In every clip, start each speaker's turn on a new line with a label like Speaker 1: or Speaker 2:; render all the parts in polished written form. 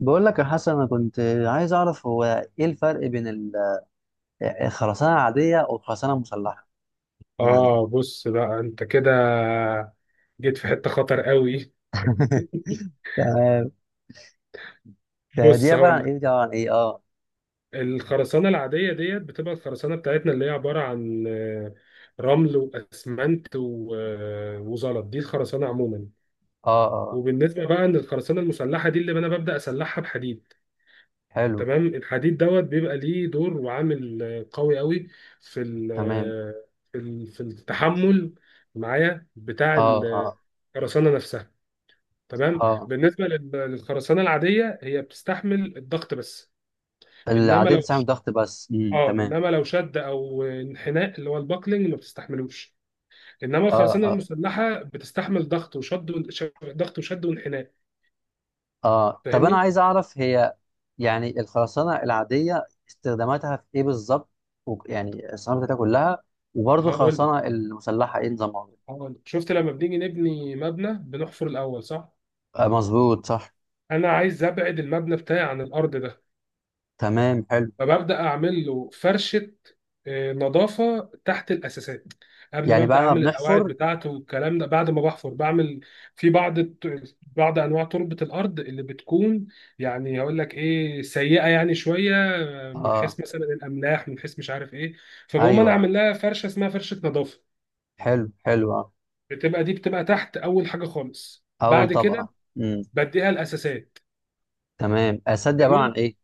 Speaker 1: بقول لك يا حسن، انا كنت عايز اعرف هو ايه الفرق بين الخرسانه العاديه والخرسانه المسلحه يعني.
Speaker 2: اه، بص بقى انت كده جيت في حتة خطر قوي.
Speaker 1: تمام. فدي
Speaker 2: بص
Speaker 1: عباره
Speaker 2: هقول
Speaker 1: عن
Speaker 2: لك،
Speaker 1: ايه دي عباره عن ايه؟ اه.
Speaker 2: الخرسانة العادية ديت بتبقى الخرسانة بتاعتنا اللي هي عبارة عن رمل واسمنت وزلط. دي الخرسانة عموما.
Speaker 1: اه، اه،
Speaker 2: وبالنسبة بقى ان الخرسانة المسلحة دي اللي انا ببدأ اسلحها بحديد.
Speaker 1: حلو.
Speaker 2: تمام، الحديد دوت بيبقى ليه دور وعامل قوي قوي في
Speaker 1: تمام،
Speaker 2: في التحمل معايا بتاع
Speaker 1: اه، اه،
Speaker 2: الخرسانة نفسها. تمام،
Speaker 1: اه،
Speaker 2: للخرسانه العاديه هي بتستحمل الضغط بس. انما
Speaker 1: العاديه
Speaker 2: لو
Speaker 1: بتستعمل ضغط بس.
Speaker 2: اه
Speaker 1: تمام.
Speaker 2: انما لو شد او انحناء اللي هو الباكلينج ما بتستحملوش. انما
Speaker 1: اه،
Speaker 2: الخرسانه
Speaker 1: اه،
Speaker 2: المسلحه بتستحمل ضغط وشد وانحناء.
Speaker 1: اه، طب انا
Speaker 2: فاهمني؟
Speaker 1: عايز اعرف هي، يعني الخرسانه العاديه استخداماتها في ايه بالظبط؟ يعني الاستخدامات بتاعتها كلها، وبرضه
Speaker 2: هقول
Speaker 1: الخرسانه المسلحه ايه نظامها؟
Speaker 2: هقول شفت لما بنيجي نبني مبنى بنحفر الاول صح؟
Speaker 1: آه، مظبوط، صح.
Speaker 2: انا عايز ابعد المبنى بتاعي عن الارض ده،
Speaker 1: تمام، حلو.
Speaker 2: فببدا اعمل له فرشه نظافه تحت الاساسات قبل ما
Speaker 1: يعني
Speaker 2: ابدا
Speaker 1: بعد ما
Speaker 2: اعمل القواعد
Speaker 1: بنحفر.
Speaker 2: بتاعته والكلام ده. بعد ما بحفر بعمل في بعض انواع تربه الارض اللي بتكون يعني، هقول لك ايه، سيئه يعني شويه، من
Speaker 1: اه،
Speaker 2: حيث مثلا الاملاح، من حيث مش عارف ايه. فبقوم
Speaker 1: ايوه،
Speaker 2: انا
Speaker 1: ايوه،
Speaker 2: اعمل لها فرشه اسمها فرشه نظافه.
Speaker 1: حلو، حلو، اه،
Speaker 2: دي بتبقى تحت اول حاجه خالص.
Speaker 1: اول
Speaker 2: بعد كده
Speaker 1: طبقه. امم،
Speaker 2: بديها الاساسات.
Speaker 1: تمام. السد دي عباره عن
Speaker 2: جميل،
Speaker 1: ايه؟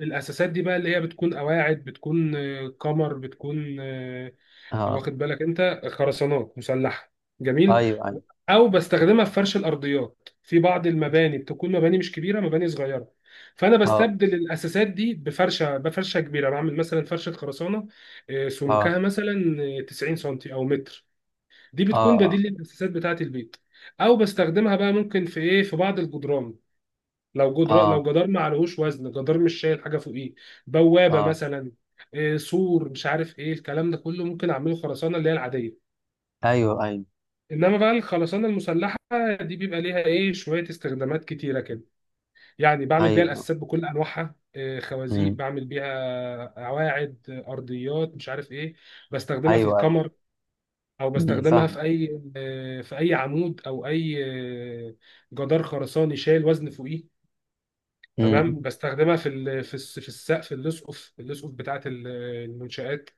Speaker 2: الاساسات دي بقى اللي هي بتكون قواعد، بتكون كمر، بتكون
Speaker 1: اه،
Speaker 2: واخد بالك انت، خرسانات مسلحه. جميل.
Speaker 1: ايوه، ايوه،
Speaker 2: او بستخدمها في فرش الارضيات في بعض المباني، بتكون مباني مش كبيره، مباني صغيره. فانا
Speaker 1: اه،
Speaker 2: بستبدل الاساسات دي بفرشه كبيره. بعمل مثلا فرشه خرسانه
Speaker 1: اه،
Speaker 2: سمكها مثلا 90 سنتي او متر. دي بتكون بديل
Speaker 1: اه،
Speaker 2: للاساسات بتاعه البيت. او بستخدمها بقى ممكن في ايه، في بعض الجدران. لو
Speaker 1: اه،
Speaker 2: جدار ما عليهوش وزن، جدار مش شايل حاجه فوقيه، بوابه
Speaker 1: اه،
Speaker 2: مثلا، سور، مش عارف ايه، الكلام ده كله ممكن اعمله خرسانه اللي هي العاديه.
Speaker 1: ايوه، ايوه،
Speaker 2: انما بقى الخرسانه المسلحه دي بيبقى ليها ايه، شويه استخدامات كتيره كده. يعني بعمل بيها
Speaker 1: ايوه،
Speaker 2: الاساسات بكل انواعها، خوازيق،
Speaker 1: امم،
Speaker 2: بعمل بيها قواعد، ارضيات، مش عارف ايه. بستخدمها في
Speaker 1: ايوه، ايوه،
Speaker 2: الكمر، او
Speaker 1: امم،
Speaker 2: بستخدمها
Speaker 1: فاهم.
Speaker 2: في اي في اي عمود او اي آه، جدار خرساني شايل وزن فوقيه. تمام،
Speaker 1: امم،
Speaker 2: بستخدمها في في السقف اللصقف بتاعت المنشآت.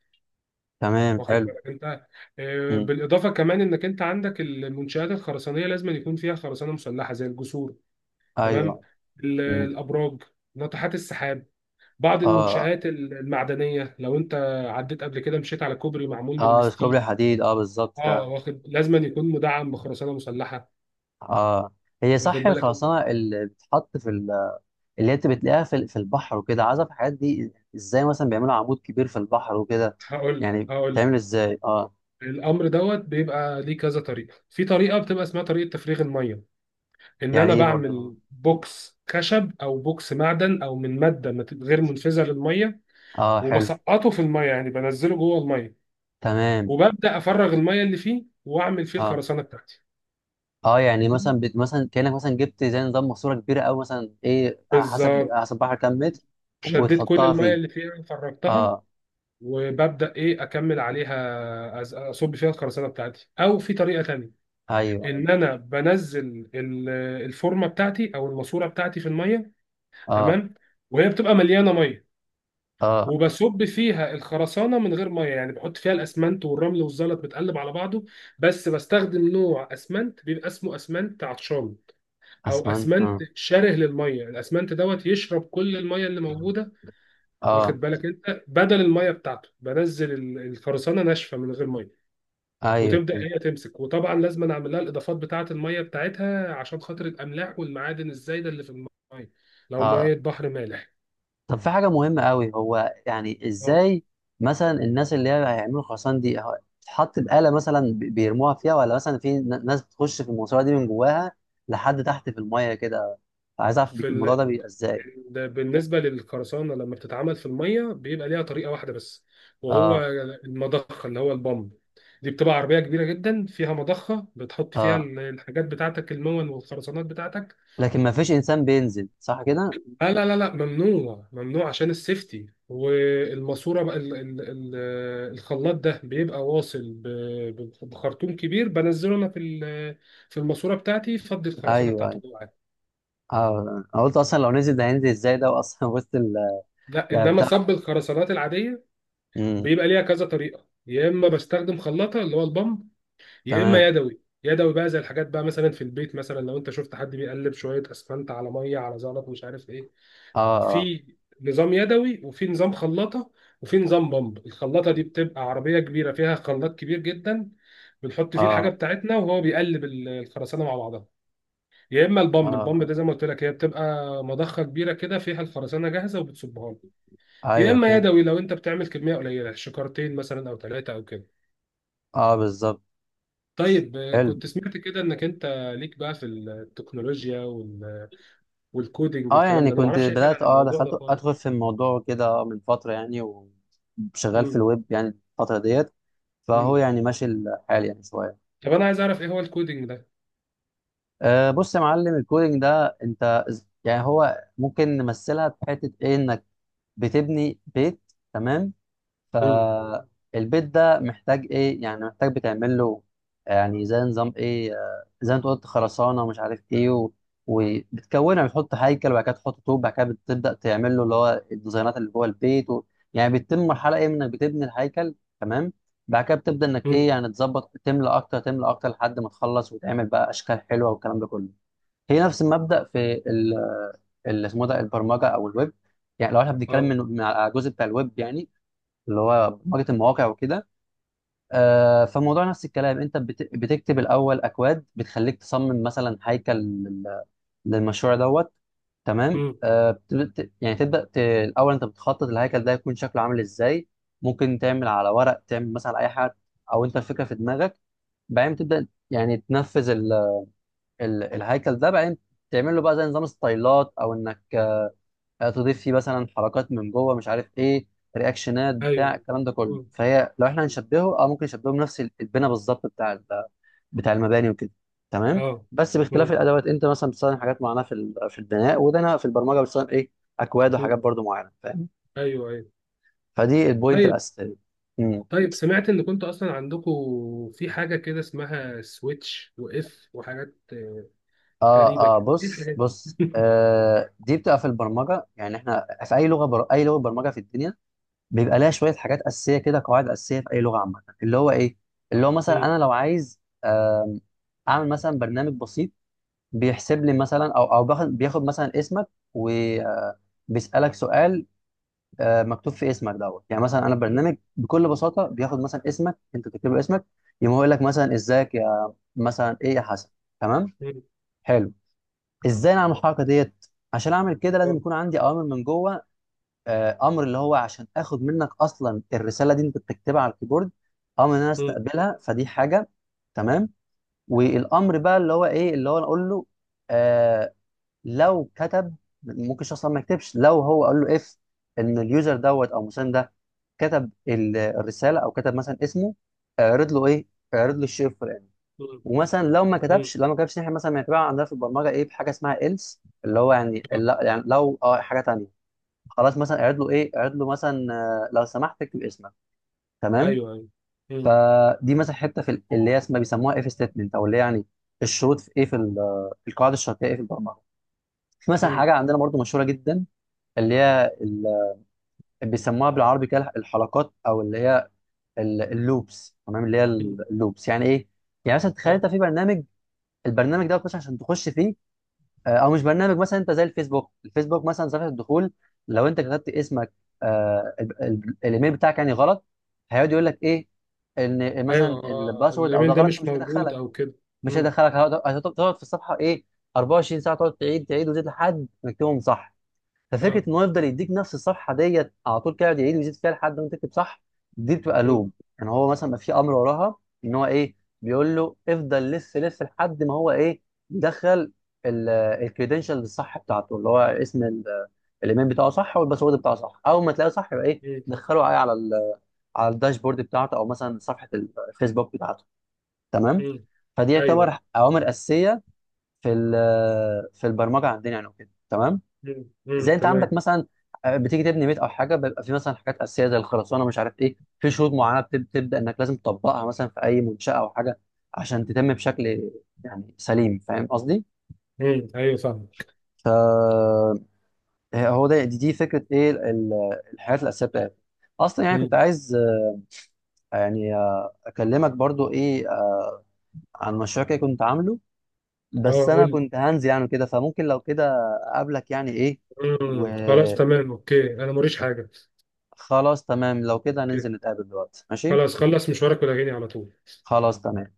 Speaker 1: تمام،
Speaker 2: واخد
Speaker 1: حلو.
Speaker 2: بالك انت؟
Speaker 1: امم،
Speaker 2: بالاضافه كمان انك انت عندك المنشات الخرسانيه لازم يكون فيها خرسانه مسلحه زي الجسور. تمام،
Speaker 1: ايوه، امم،
Speaker 2: الابراج، ناطحات السحاب. بعض
Speaker 1: اه،
Speaker 2: المنشآت المعدنيه، لو انت عديت قبل كده مشيت على كوبري معمول من
Speaker 1: اه، بس كوبري
Speaker 2: الستيل،
Speaker 1: حديد، اه بالظبط
Speaker 2: اه
Speaker 1: فعلا.
Speaker 2: واخد، لازم أن يكون مدعم بخرسانه مسلحه.
Speaker 1: اه، هي
Speaker 2: واخد
Speaker 1: صح
Speaker 2: بالك انت؟
Speaker 1: الخرسانه اللي بتتحط في، اللي انت بتلاقيها في البحر وكده، عايز اعرف الحاجات دي ازاي، مثلا بيعملوا عمود كبير في البحر وكده،
Speaker 2: هقول
Speaker 1: يعني
Speaker 2: هقول
Speaker 1: بتعمل ازاي؟ اه.
Speaker 2: الامر دوت بيبقى ليه كذا طريقه. في طريقه بتبقى اسمها طريقه تفريغ الميه، ان
Speaker 1: يعني
Speaker 2: انا
Speaker 1: ايه برضو؟ اه،
Speaker 2: بعمل بوكس خشب او بوكس معدن او من ماده غير منفذه للميه،
Speaker 1: اه، حلو،
Speaker 2: وبسقطه في الميه يعني بنزله جوه الميه،
Speaker 1: تمام،
Speaker 2: وببدا افرغ الميه اللي فيه واعمل فيه
Speaker 1: اه،
Speaker 2: الخرسانه بتاعتي.
Speaker 1: اه، يعني
Speaker 2: دي
Speaker 1: مثلا مثلا كانك مثلا جبت زي نظام ماسوره كبيره، او مثلا ايه، على حسب على
Speaker 2: بالظبط،
Speaker 1: حسب البحر كام متر.
Speaker 2: شديت كل
Speaker 1: وتحطها
Speaker 2: الميه
Speaker 1: فيه.
Speaker 2: اللي فيها فرغتها
Speaker 1: اه،
Speaker 2: وببدا ايه، اكمل عليها اصب فيها الخرسانه بتاعتي. او في طريقه تانية،
Speaker 1: ايوه، ايوه،
Speaker 2: ان انا بنزل الفورمه بتاعتي او الماسوره بتاعتي في الميه.
Speaker 1: اه،
Speaker 2: تمام، وهي بتبقى مليانه ميه،
Speaker 1: اه،
Speaker 2: وبصب فيها الخرسانه من غير ميه. يعني بحط فيها الاسمنت والرمل والزلط متقلب على بعضه، بس بستخدم نوع اسمنت بيبقى اسمه اسمنت عطشان او
Speaker 1: اسمنت،
Speaker 2: اسمنت
Speaker 1: اه،
Speaker 2: شره للميه. الاسمنت دوت يشرب كل الميه اللي موجوده.
Speaker 1: اه،
Speaker 2: واخد بالك انت؟ بدل الميه بتاعته بنزل الخرسانه ناشفه من غير ميه،
Speaker 1: ايوه
Speaker 2: وتبدا
Speaker 1: فهمت.
Speaker 2: هي تمسك. وطبعا لازم أنا اعمل لها الاضافات بتاعه الميه بتاعتها عشان خاطر الاملاح والمعادن الزايده اللي في الميه لو ميه
Speaker 1: اه،
Speaker 2: بحر مالح.
Speaker 1: طب في حاجة مهمة قوي، هو يعني
Speaker 2: اه،
Speaker 1: ازاي مثلا الناس اللي هي هيعملوا خرسانة دي، هو بتتحط بآلة، مثلا بيرموها فيها، ولا مثلا في ناس بتخش في الماسورة دي من جواها لحد تحت في المية كده؟ عايز اعرف
Speaker 2: في
Speaker 1: الموضوع ده بيبقى ازاي؟
Speaker 2: بالنسبة للقرصانة لما بتتعمل في المية بيبقى ليها طريقة واحدة بس، وهو
Speaker 1: اه،
Speaker 2: المضخة اللي هو البامب. دي بتبقى عربية كبيرة جدا، فيها مضخة، بتحط فيها
Speaker 1: اه،
Speaker 2: الحاجات بتاعتك، المون والخرسانات بتاعتك.
Speaker 1: لكن ما فيش انسان بينزل صح كده؟
Speaker 2: لا لا لا لا، ممنوع ممنوع، عشان السيفتي. والماسورة بقى، ال ال ال الخلاط ده بيبقى واصل بخرطوم كبير، بنزله انا في في الماسورة بتاعتي، فضي الخرسانة
Speaker 1: ايوه،
Speaker 2: بتاعته
Speaker 1: ايوه،
Speaker 2: جوه عادي.
Speaker 1: اه، انا قلت اصلا لو نزل ده هينزل ازاي ده اصلا وسط
Speaker 2: لا،
Speaker 1: يعني
Speaker 2: انما
Speaker 1: بتاع،
Speaker 2: صب الخرسانات العادية
Speaker 1: امم،
Speaker 2: بيبقى ليها كذا طريقه. يا اما بستخدم خلاطه اللي هو البامب، يا اما
Speaker 1: تمام،
Speaker 2: يدوي يدوي بقى. زي الحاجات بقى مثلا في البيت مثلا، لو انت شفت حد بيقلب شويه اسفنت على ميه على زلط مش عارف ايه.
Speaker 1: اه، اه،
Speaker 2: في نظام يدوي، وفي نظام خلاطه، وفي نظام بامب. الخلاطه دي بتبقى عربيه كبيره فيها خلاط كبير جدا، بنحط فيه الحاجه
Speaker 1: اه،
Speaker 2: بتاعتنا وهو بيقلب الخرسانه مع بعضها. يا اما البامب
Speaker 1: اه،
Speaker 2: ده زي ما قلت لك هي بتبقى مضخه كبيره كده فيها الخرسانه جاهزه وبتصبها لك. يا
Speaker 1: ايوه
Speaker 2: اما
Speaker 1: فهمت.
Speaker 2: يدوي لو انت بتعمل كميه قليله، شكارتين مثلا او ثلاثه او كده.
Speaker 1: اه بالظبط،
Speaker 2: طيب
Speaker 1: حلو.
Speaker 2: كنت سمعت كده انك انت ليك بقى في التكنولوجيا والكودينج
Speaker 1: اه،
Speaker 2: والكلام
Speaker 1: يعني
Speaker 2: ده. انا ما
Speaker 1: كنت
Speaker 2: اعرفش اي حاجه عن
Speaker 1: بدأت، اه
Speaker 2: الموضوع
Speaker 1: دخلت
Speaker 2: ده خالص.
Speaker 1: ادخل في الموضوع كده من فترة يعني، وشغال في
Speaker 2: مم.
Speaker 1: الويب يعني الفترة ديت، فهو
Speaker 2: مم.
Speaker 1: يعني ماشي الحال يعني شوية.
Speaker 2: طب انا عايز اعرف ايه هو الكودينج ده.
Speaker 1: بص يا معلم، الكودينج ده انت يعني هو ممكن نمثلها في حتة ايه، انك بتبني بيت. تمام.
Speaker 2: مم.
Speaker 1: فالبيت ده محتاج ايه يعني؟ محتاج بتعمل له يعني زي نظام ايه، زي ما انت قلت خرسانه ومش عارف ايه وبتكونها بتحط هيكل، وبعد كده تحط طوب، بعد كده بتبدا تعمل له اللي هو الديزاينات اللي جوه البيت يعني بتتم مرحله ايه، انك بتبني الهيكل. تمام. بعد كده بتبدا انك
Speaker 2: مم.
Speaker 1: ايه يعني، تظبط، تملى اكتر تملى اكتر لحد ما تخلص، وتعمل بقى اشكال حلوه والكلام ده كله. هي نفس المبدا في اللي اسمه ده البرمجه او الويب. يعني لو احنا بنتكلم
Speaker 2: اه.
Speaker 1: من على الجزء بتاع الويب، يعني اللي هو برمجه المواقع وكده. فالموضوع نفس الكلام، انت بتكتب الاول اكواد بتخليك تصمم مثلا هيكل للمشروع دوت. تمام.
Speaker 2: مم.
Speaker 1: يعني تبدا الاول انت بتخطط الهيكل ده يكون شكله عامل ازاي. ممكن تعمل على ورق، تعمل مثلا اي حاجه، او انت الفكره في دماغك. بعدين تبدا يعني تنفذ ال الهيكل ده. بعدين تعمل له بقى زي نظام ستايلات، او انك تضيف فيه مثلا حركات من جوه، مش عارف ايه، رياكشنات بتاع
Speaker 2: ايوه.
Speaker 1: الكلام ده كله.
Speaker 2: مم.
Speaker 1: فهي لو احنا هنشبهه، ممكن نشبهه بنفس البناء بالظبط، بتاع المباني وكده. تمام.
Speaker 2: اه.
Speaker 1: بس باختلاف
Speaker 2: مم.
Speaker 1: الادوات، انت مثلا بتستخدم حاجات معينه في البناء، وده انا في البرمجه بستخدم ايه، اكواد
Speaker 2: مم.
Speaker 1: وحاجات برضو معينه، فاهم.
Speaker 2: ايوه ايوه.
Speaker 1: فدي البوينت
Speaker 2: طيب.
Speaker 1: الاساسيه. مم.
Speaker 2: طيب سمعت ان كنت اصلا عندكم في حاجه كده اسمها سويتش واف وحاجات غريبه
Speaker 1: اه، اه،
Speaker 2: كده، ايه
Speaker 1: بص
Speaker 2: الحاجات
Speaker 1: بص،
Speaker 2: دي؟
Speaker 1: دي بتبقى في البرمجه، يعني احنا في اي لغه برمجه في الدنيا بيبقى لها شويه حاجات اساسيه كده، قواعد اساسيه في اي لغه عامه، اللي هو ايه، اللي هو مثلا
Speaker 2: مم.
Speaker 1: انا لو عايز اعمل مثلا برنامج بسيط بيحسب لي مثلا، او بياخد مثلا اسمك وبيسالك سؤال، مكتوب في اسمك دوت. يعني مثلا انا
Speaker 2: مم.
Speaker 1: برنامج بكل بساطه بياخد مثلا اسمك، انت تكتب له اسمك، يقوم هو يقول لك مثلا ازيك يا مثلا ايه يا حسن. تمام،
Speaker 2: مم.
Speaker 1: حلو. ازاي نعمل الحركه ديت؟ عشان اعمل كده لازم
Speaker 2: اه.
Speaker 1: يكون عندي اوامر من جوه، امر اللي هو عشان اخد منك اصلا الرساله دي انت بتكتبها على الكيبورد، امر ان انا
Speaker 2: مم.
Speaker 1: استقبلها، فدي حاجه. تمام. والامر بقى اللي هو ايه، اللي هو انا اقول له آه لو كتب، ممكن الشخص أصلاً ما يكتبش، لو هو قال له اف، ان اليوزر دوت او مسان ده كتب الرساله او كتب مثلا اسمه، اعرض له ايه، اعرض له الشيء الفلاني.
Speaker 2: مم.
Speaker 1: ومثلا لو ما
Speaker 2: مم.
Speaker 1: كتبش لو ما كتبش احنا مثلا بنعتبرها عندنا في البرمجه ايه، بحاجه اسمها else، اللي هو يعني
Speaker 2: آه.
Speaker 1: يعني لو حاجه تانيه، خلاص مثلا اعرض له ايه، اعرض له مثلا لو سمحت اكتب اسمك. تمام.
Speaker 2: ايوه ايوه. مم.
Speaker 1: فدي مثلا حته اللي هي اسمها بيسموها اف ستيتمنت، او اللي هي يعني الشروط، في ايه، في ال- آه، القواعد الشرطيه ايه في البرمجه. في مثلا
Speaker 2: مم.
Speaker 1: حاجه عندنا برضو مشهوره جدا، اللي هي بيسموها بالعربي كده الحلقات، او اللي هي اللوبس. تمام. اللي هي
Speaker 2: مم.
Speaker 1: اللوبس يعني ايه؟ يعني مثلا تخيل
Speaker 2: اه.
Speaker 1: انت في برنامج، البرنامج ده بتخش، عشان تخش فيه، او مش برنامج، مثلا انت زي الفيسبوك مثلا صفحه الدخول، لو انت كتبت اسمك، الايميل بتاعك يعني غلط، هيقعد يقول لك ايه، ان
Speaker 2: ايوه
Speaker 1: مثلا
Speaker 2: آه. آه.
Speaker 1: الباسورد او
Speaker 2: الايميل
Speaker 1: ده
Speaker 2: ده
Speaker 1: غلط،
Speaker 2: مش
Speaker 1: فمش
Speaker 2: موجود
Speaker 1: هيدخلك.
Speaker 2: او كده.
Speaker 1: مش
Speaker 2: مم.
Speaker 1: هيدخلك، تقعد في الصفحه ايه 24 ساعه، تقعد تعيد تعيد وتزيد لحد ما تكتبهم صح. ففكره
Speaker 2: اه.
Speaker 1: ان هو يفضل يديك نفس الصفحه ديت على طول كده، يقعد يعيد ويزيد فيها لحد ما تكتب صح. دي بتبقى
Speaker 2: مم.
Speaker 1: لوم. يعني هو مثلا ما في امر وراها، ان هو ايه، بيقول له افضل لف لف لحد ما هو ايه، يدخل الكريدنشال الصح بتاعته، اللي هو اسم الايميل بتاعه صح، والباسورد بتاعه صح، اول ما تلاقيه صح يبقى ايه،
Speaker 2: مم.
Speaker 1: دخله على على الداشبورد بتاعته، او مثلا صفحه الفيسبوك بتاعته. تمام.
Speaker 2: مم.
Speaker 1: فدي
Speaker 2: ايوه.
Speaker 1: يعتبر اوامر اساسيه في البرمجه عندنا يعني وكده. تمام.
Speaker 2: مم. مم.
Speaker 1: زي انت عندك
Speaker 2: تمام.
Speaker 1: مثلا، بتيجي تبني بيت او حاجه، بيبقى في مثلا حاجات اساسيه زي الخرسانه، مش عارف ايه، في شروط معينه تبدا انك لازم تطبقها مثلا في اي منشاه او حاجه عشان تتم بشكل يعني سليم، فاهم قصدي؟
Speaker 2: مم. ايوه فاهمك.
Speaker 1: فهو ده، دي فكره ايه الحاجات الاساسيه بتاعتي اصلا. يعني كنت
Speaker 2: مم.
Speaker 1: عايز يعني آه، اكلمك برضو ايه عن مشروع كده كنت عامله،
Speaker 2: اه،
Speaker 1: بس
Speaker 2: قول
Speaker 1: انا
Speaker 2: لي.
Speaker 1: كنت هنزل يعني كده، فممكن لو كده اقابلك يعني ايه،
Speaker 2: مم. خلاص
Speaker 1: وخلاص.
Speaker 2: تمام، اوكي، انا موريش حاجه.
Speaker 1: تمام. لو كده
Speaker 2: اوكي.
Speaker 1: هننزل نتقابل دلوقتي، ماشي.
Speaker 2: خلاص، خلص مشوارك ولا على طول؟
Speaker 1: خلاص، تمام.